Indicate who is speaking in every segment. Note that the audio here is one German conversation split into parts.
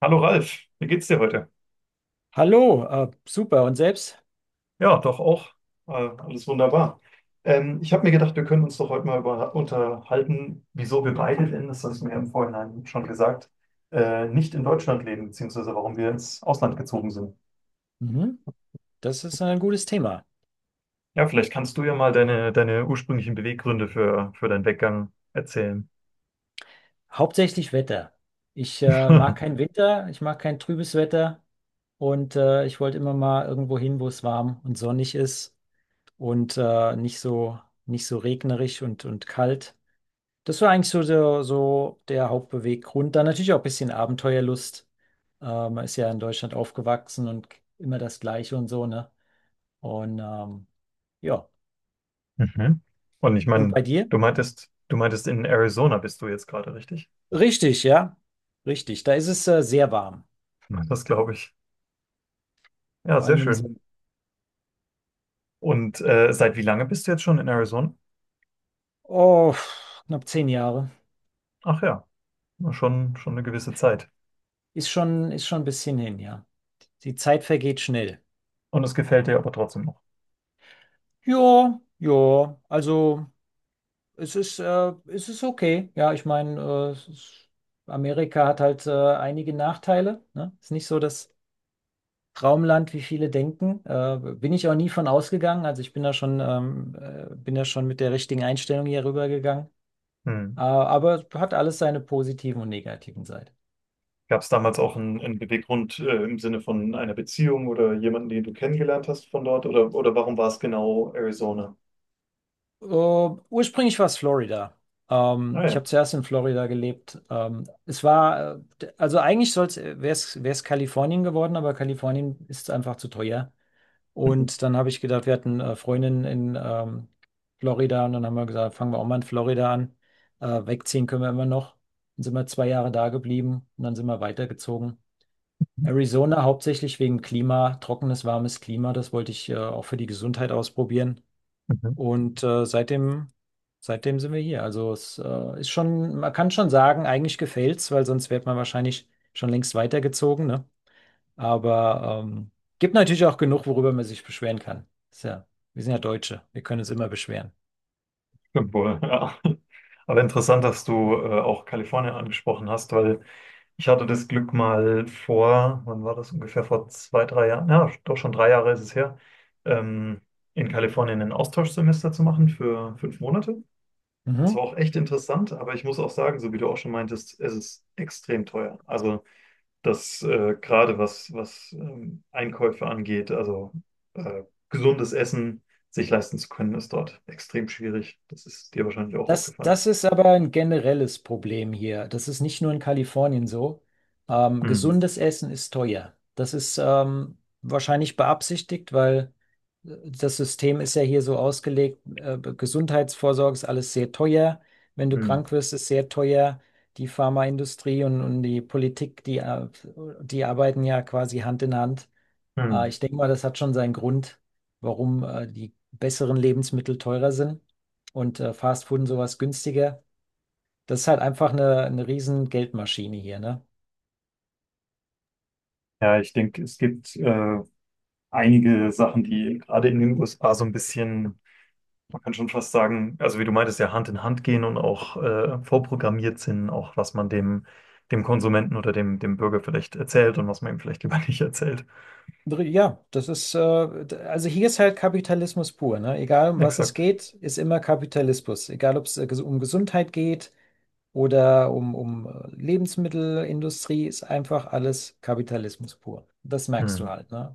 Speaker 1: Hallo Ralf, wie geht's dir heute?
Speaker 2: Hallo, super. Und selbst?
Speaker 1: Ja, doch auch. Alles wunderbar. Ich habe mir gedacht, wir können uns doch heute mal über, unterhalten, wieso wir beide denn, das hast du mir im Vorhinein schon gesagt, nicht in Deutschland leben, beziehungsweise warum wir ins Ausland gezogen sind.
Speaker 2: Mhm, das ist ein gutes Thema.
Speaker 1: Ja, vielleicht kannst du ja mal deine ursprünglichen Beweggründe für deinen Weggang erzählen.
Speaker 2: Hauptsächlich Wetter. Ich mag keinen Winter, ich mag kein trübes Wetter und ich wollte immer mal irgendwo hin, wo es warm und sonnig ist und nicht so regnerisch und kalt. Das war eigentlich so der Hauptbeweggrund. Dann natürlich auch ein bisschen Abenteuerlust. Man ist ja in Deutschland aufgewachsen und immer das Gleiche und so, ne? Und ja.
Speaker 1: Mhm. Und ich
Speaker 2: Und
Speaker 1: meine,
Speaker 2: bei dir?
Speaker 1: du meintest, in Arizona bist du jetzt gerade, richtig?
Speaker 2: Richtig, ja. Richtig. Da ist es sehr warm.
Speaker 1: Mhm. Das glaube ich. Ja,
Speaker 2: Vor
Speaker 1: sehr
Speaker 2: allem im
Speaker 1: schön.
Speaker 2: Sommer.
Speaker 1: Und seit wie lange bist du jetzt schon in Arizona?
Speaker 2: Oh, knapp zehn Jahre.
Speaker 1: Ach ja, na schon, schon eine gewisse Zeit.
Speaker 2: Ist schon ein bisschen hin, ja. Die Zeit vergeht schnell.
Speaker 1: Und es gefällt dir aber trotzdem noch.
Speaker 2: Ja, ja. Also es ist okay. Ja, ich meine, Amerika hat halt einige Nachteile. Ne? Ist nicht so das Traumland, wie viele denken. Bin ich auch nie von ausgegangen. Also ich bin da schon mit der richtigen Einstellung hier rübergegangen.
Speaker 1: Hm.
Speaker 2: Aber hat alles seine positiven und negativen Seiten.
Speaker 1: Gab es damals auch einen Beweggrund im Sinne von einer Beziehung oder jemanden, den du kennengelernt hast von dort? Oder warum war es genau Arizona?
Speaker 2: Äh, ursprünglich war es Florida.
Speaker 1: Ah
Speaker 2: Ich
Speaker 1: ja.
Speaker 2: habe zuerst in Florida gelebt. Also eigentlich wäre es Kalifornien geworden, aber Kalifornien ist einfach zu teuer.
Speaker 1: Mhm.
Speaker 2: Und dann habe ich gedacht, wir hatten Freundinnen in Florida und dann haben wir gesagt, fangen wir auch mal in Florida an. Wegziehen können wir immer noch. Dann sind wir zwei Jahre da geblieben und dann sind wir weitergezogen. Arizona hauptsächlich wegen Klima, trockenes, warmes Klima. Das wollte ich auch für die Gesundheit ausprobieren.
Speaker 1: Mhm.
Speaker 2: Und seitdem sind wir hier. Also es ist schon, man kann schon sagen, eigentlich gefällt's, weil sonst wäre man wahrscheinlich schon längst weitergezogen, ne? Aber gibt natürlich auch genug, worüber man sich beschweren kann. Ist ja, wir sind ja Deutsche, wir können uns immer beschweren.
Speaker 1: Stimmt wohl, ja. Aber interessant, dass du auch Kalifornien angesprochen hast, weil ich hatte das Glück mal vor, wann war das ungefähr, vor zwei, drei Jahren, ja, doch schon drei Jahre ist es her, ähm, in Kalifornien ein Austauschsemester zu machen für fünf Monate. Es war
Speaker 2: Mhm.
Speaker 1: auch echt interessant, aber ich muss auch sagen, so wie du auch schon meintest, es ist extrem teuer. Also das gerade was, was Einkäufe angeht, also äh, gesundes Essen sich leisten zu können, ist dort extrem schwierig. Das ist dir wahrscheinlich auch
Speaker 2: Das,
Speaker 1: aufgefallen.
Speaker 2: das ist aber ein generelles Problem hier. Das ist nicht nur in Kalifornien so.
Speaker 1: Hm,
Speaker 2: Gesundes Essen ist teuer. Das ist wahrscheinlich beabsichtigt, weil das System ist ja hier so ausgelegt, Gesundheitsvorsorge ist alles sehr teuer. Wenn du
Speaker 1: hm,
Speaker 2: krank wirst, ist sehr teuer. Die Pharmaindustrie und die Politik, die arbeiten ja quasi Hand in Hand.
Speaker 1: hm.
Speaker 2: Ich denke mal, das hat schon seinen Grund, warum die besseren Lebensmittel teurer sind und Fast Food und sowas günstiger. Das ist halt einfach eine riesen Geldmaschine hier, ne?
Speaker 1: Ja, ich denke, es gibt einige Sachen, die gerade in den USA so ein bisschen Man kann schon fast sagen, also wie du meintest, ja Hand in Hand gehen und auch vorprogrammiert sind, auch was man dem, dem Konsumenten oder dem, dem Bürger vielleicht erzählt und was man ihm vielleicht lieber nicht erzählt.
Speaker 2: Ja, also hier ist halt Kapitalismus pur, ne? Egal um was es
Speaker 1: Exakt.
Speaker 2: geht, ist immer Kapitalismus. Egal ob es um Gesundheit geht oder um Lebensmittelindustrie, ist einfach alles Kapitalismus pur. Das merkst du
Speaker 1: Mhm.
Speaker 2: halt, ne?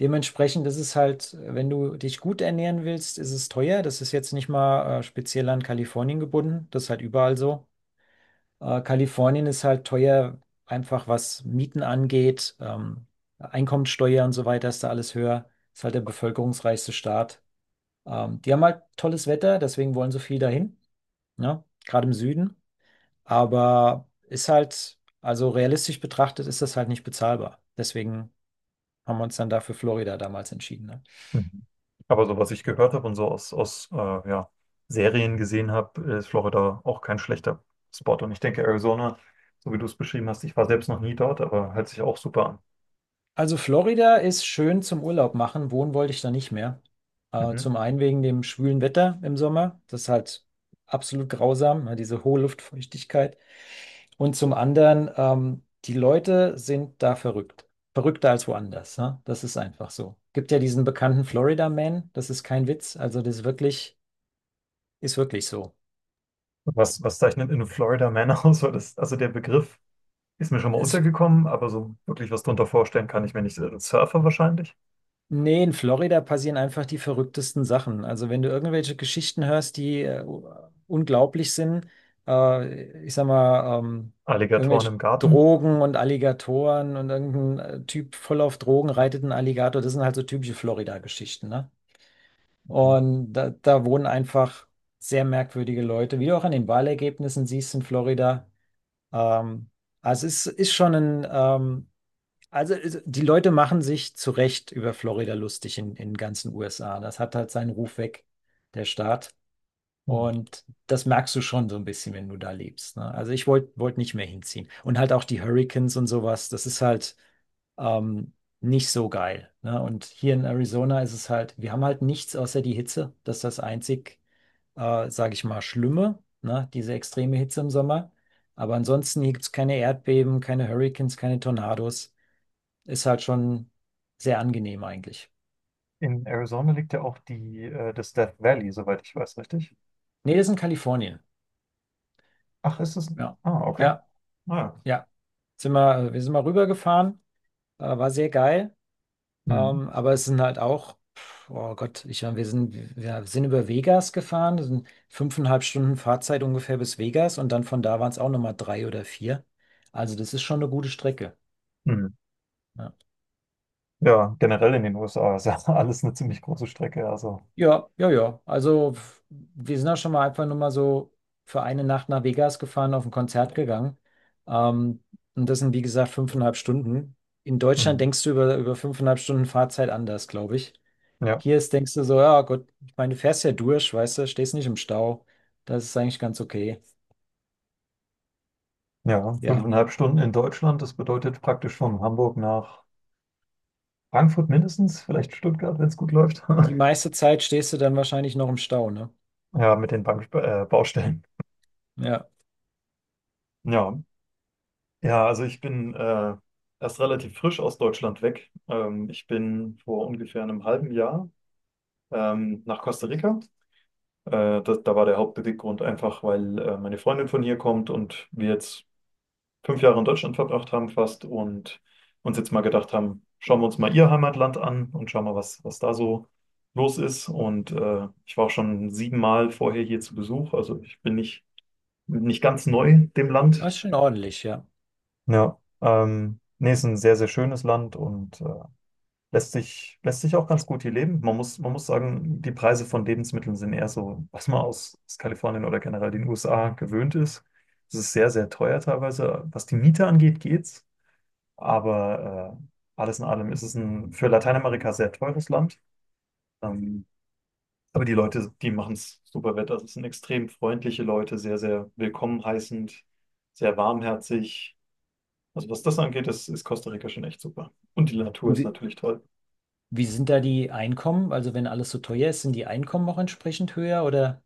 Speaker 2: Dementsprechend ist es halt, wenn du dich gut ernähren willst, ist es teuer. Das ist jetzt nicht mal speziell an Kalifornien gebunden. Das ist halt überall so. Kalifornien ist halt teuer, einfach was Mieten angeht, Einkommensteuer und so weiter ist da alles höher. Ist halt der bevölkerungsreichste Staat. Die haben halt tolles Wetter, deswegen wollen so viel dahin, ne? Gerade im Süden. Aber ist halt, also realistisch betrachtet, ist das halt nicht bezahlbar. Deswegen haben wir uns dann dafür Florida damals entschieden. Ne?
Speaker 1: Mhm. Aber so was ich gehört habe und so aus, aus ja, Serien gesehen habe, ist Florida auch kein schlechter Spot. Und ich denke, Arizona, so wie du es beschrieben hast, ich war selbst noch nie dort, aber hört sich auch super an.
Speaker 2: Also Florida ist schön zum Urlaub machen. Wohnen wollte ich da nicht mehr.
Speaker 1: Mhm.
Speaker 2: Zum einen wegen dem schwülen Wetter im Sommer. Das ist halt absolut grausam, ne, diese hohe Luftfeuchtigkeit. Und zum anderen, die Leute sind da verrückt. Verrückter als woanders. Ne? Das ist einfach so. Gibt ja diesen bekannten Florida Man. Das ist kein Witz. Also ist wirklich so.
Speaker 1: Was, was zeichnet in Florida Man aus? Weil das, also der Begriff. Ist mir schon mal
Speaker 2: Es,
Speaker 1: untergekommen, aber so wirklich was drunter vorstellen kann ich mir nicht. Surfer wahrscheinlich.
Speaker 2: Nee, in Florida passieren einfach die verrücktesten Sachen. Also wenn du irgendwelche Geschichten hörst, die unglaublich sind, äh, ich sag mal, ähm,
Speaker 1: Alligatoren
Speaker 2: irgendwelche
Speaker 1: im Garten.
Speaker 2: Drogen und Alligatoren und irgendein Typ voll auf Drogen reitet einen Alligator, das sind halt so typische Florida-Geschichten, ne?
Speaker 1: Mhm.
Speaker 2: Und da wohnen einfach sehr merkwürdige Leute, wie du auch an den Wahlergebnissen siehst in Florida. Ähm, also ist schon ein die Leute machen sich zu Recht über Florida lustig in den ganzen USA. Das hat halt seinen Ruf weg, der Staat.
Speaker 1: Hm.
Speaker 2: Und das merkst du schon so ein bisschen, wenn du da lebst. Ne? Also ich wollt nicht mehr hinziehen. Und halt auch die Hurricanes und sowas, das ist halt ähm, nicht so geil. Ne? Und hier in Arizona ist es halt, wir haben halt nichts außer die Hitze. Das ist das einzig, sage ich mal, Schlimme, ne? Diese extreme Hitze im Sommer. Aber ansonsten hier gibt es keine Erdbeben, keine Hurricanes, keine Tornados. Ist halt schon sehr angenehm eigentlich.
Speaker 1: In Arizona liegt ja auch die, das Death Valley, soweit ich weiß, richtig?
Speaker 2: Nee, das ist in Kalifornien.
Speaker 1: Ach, ist es?
Speaker 2: Ja,
Speaker 1: Ah, okay.
Speaker 2: ja,
Speaker 1: Ah, ja.
Speaker 2: ja. Wir sind mal rübergefahren, war sehr geil.
Speaker 1: Hm.
Speaker 2: Aber es sind halt auch, pf, oh Gott, ich meine, wir sind über Vegas gefahren. Das sind fünfeinhalb Stunden Fahrzeit ungefähr bis Vegas und dann von da waren es auch nochmal drei oder vier. Also das ist schon eine gute Strecke.
Speaker 1: Hm.
Speaker 2: Ne?
Speaker 1: Ja, generell in den USA ist ja alles eine ziemlich große Strecke. Also,
Speaker 2: Ja, ja, ja. Also wir sind auch schon mal einfach nur mal so für eine Nacht nach Vegas gefahren, auf ein Konzert gegangen. Ähm, und das sind, wie gesagt, fünfeinhalb Stunden. In Deutschland
Speaker 1: hm.
Speaker 2: denkst du über fünfeinhalb Stunden Fahrzeit anders, glaube ich.
Speaker 1: Ja.
Speaker 2: Hier ist, denkst du so, ja Gott, ich meine, du fährst ja durch, weißt du, stehst nicht im Stau. Das ist eigentlich ganz okay.
Speaker 1: Ja,
Speaker 2: Ja.
Speaker 1: fünfeinhalb Stunden in Deutschland, das bedeutet praktisch von Hamburg nach Frankfurt mindestens, vielleicht Stuttgart, wenn es gut läuft.
Speaker 2: Die meiste Zeit stehst du dann wahrscheinlich noch im Stau, ne?
Speaker 1: Ja, mit den Bank Baustellen.
Speaker 2: Ja.
Speaker 1: Ja, ja, also ich bin erst relativ frisch aus Deutschland weg. Ich bin vor ungefähr einem halben Jahr nach Costa Rica. Das, da war der Hauptbeweggrund einfach, weil meine Freundin von hier kommt und wir jetzt fünf Jahre in Deutschland verbracht haben fast und uns jetzt mal gedacht haben, schauen wir uns mal ihr Heimatland an und schauen mal, was, was da so los ist. Und ich war auch schon siebenmal vorher hier zu Besuch. Also ich bin nicht, nicht ganz neu dem Land.
Speaker 2: Das ist schon ordentlich, ja.
Speaker 1: Ja, nee, ist ein sehr, sehr schönes Land und lässt sich, lässt sich auch ganz gut hier leben. Man muss sagen, die Preise von Lebensmitteln sind eher so, was man aus, aus Kalifornien oder generell den USA gewöhnt ist. Es ist sehr, sehr teuer teilweise. Was die Miete angeht, geht's. Aber alles in allem ist es ein für Lateinamerika sehr teures Land. Ähm, aber die Leute, die machen es super wett. Also es sind extrem freundliche Leute, sehr, sehr willkommen heißend, sehr warmherzig. Also was das angeht, ist Costa Rica schon echt super. Und die Natur ist
Speaker 2: Wie,
Speaker 1: natürlich toll.
Speaker 2: wie sind da die Einkommen? Also wenn alles so teuer ist, sind die Einkommen auch entsprechend höher oder?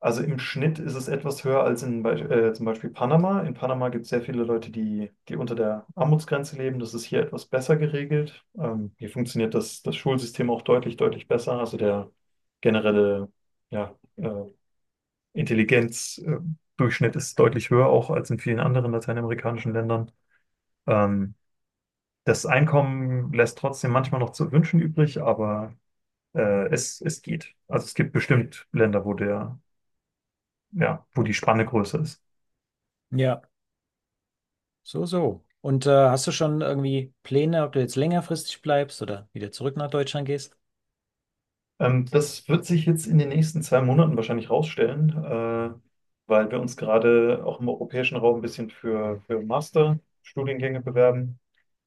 Speaker 1: Also im Schnitt ist es etwas höher als in Be zum Beispiel Panama. In Panama gibt es sehr viele Leute, die, die unter der Armutsgrenze leben. Das ist hier etwas besser geregelt. Hier funktioniert das, das Schulsystem auch deutlich, deutlich besser. Also der generelle ja, Intelligenzdurchschnitt ist deutlich höher, auch als in vielen anderen lateinamerikanischen Ländern. Ähm, das Einkommen lässt trotzdem manchmal noch zu wünschen übrig, aber es, es geht. Also es gibt bestimmt Länder, wo der, ja, wo die Spanne größer ist.
Speaker 2: Ja, so, so. Und hast du schon irgendwie Pläne, ob du jetzt längerfristig bleibst oder wieder zurück nach Deutschland gehst?
Speaker 1: Das wird sich jetzt in den nächsten zwei Monaten wahrscheinlich rausstellen, weil wir uns gerade auch im europäischen Raum ein bisschen für Masterstudiengänge bewerben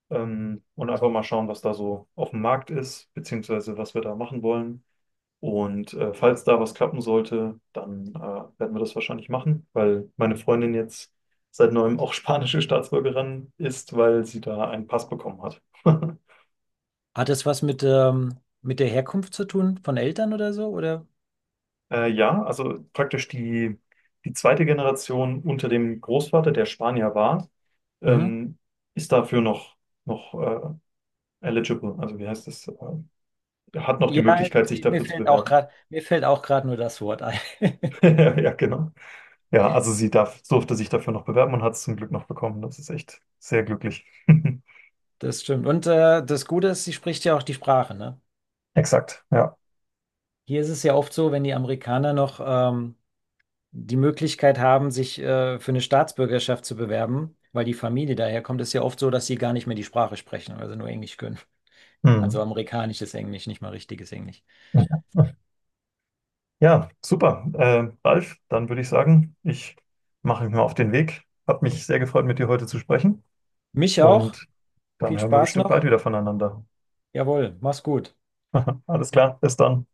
Speaker 1: und einfach mal schauen, was da so auf dem Markt ist, beziehungsweise was wir da machen wollen. Und falls da was klappen sollte, dann werden wir das wahrscheinlich machen, weil meine Freundin jetzt seit neuem auch spanische Staatsbürgerin ist, weil sie da einen Pass bekommen hat.
Speaker 2: Hat das was mit der Herkunft zu tun von Eltern oder so? Oder?
Speaker 1: Ja, also praktisch die, die zweite Generation unter dem Großvater, der Spanier war,
Speaker 2: Mhm.
Speaker 1: ähm, ist dafür noch, noch eligible. Also wie heißt das? Hat noch die
Speaker 2: Ja,
Speaker 1: Möglichkeit, sich dafür zu bewerben.
Speaker 2: mir fällt auch gerade nur das Wort ein.
Speaker 1: Ja, genau. Ja, also sie darf, durfte sich dafür noch bewerben und hat es zum Glück noch bekommen. Das ist echt sehr glücklich.
Speaker 2: Das stimmt. Und das Gute ist, sie spricht ja auch die Sprache, ne?
Speaker 1: Exakt, ja.
Speaker 2: Hier ist es ja oft so, wenn die Amerikaner noch die Möglichkeit haben, sich für eine Staatsbürgerschaft zu bewerben, weil die Familie daherkommt, ist ja oft so, dass sie gar nicht mehr die Sprache sprechen, also nur Englisch können.
Speaker 1: Hm.
Speaker 2: Also amerikanisches Englisch, nicht mal richtiges Englisch.
Speaker 1: Ja, super. Ralf, dann würde ich sagen, ich mache mich mal auf den Weg. Hat mich sehr gefreut, mit dir heute zu sprechen.
Speaker 2: Mich auch.
Speaker 1: Und dann
Speaker 2: Viel
Speaker 1: hören wir
Speaker 2: Spaß
Speaker 1: bestimmt bald
Speaker 2: noch.
Speaker 1: wieder voneinander.
Speaker 2: Jawohl, mach's gut.
Speaker 1: Alles klar, bis dann.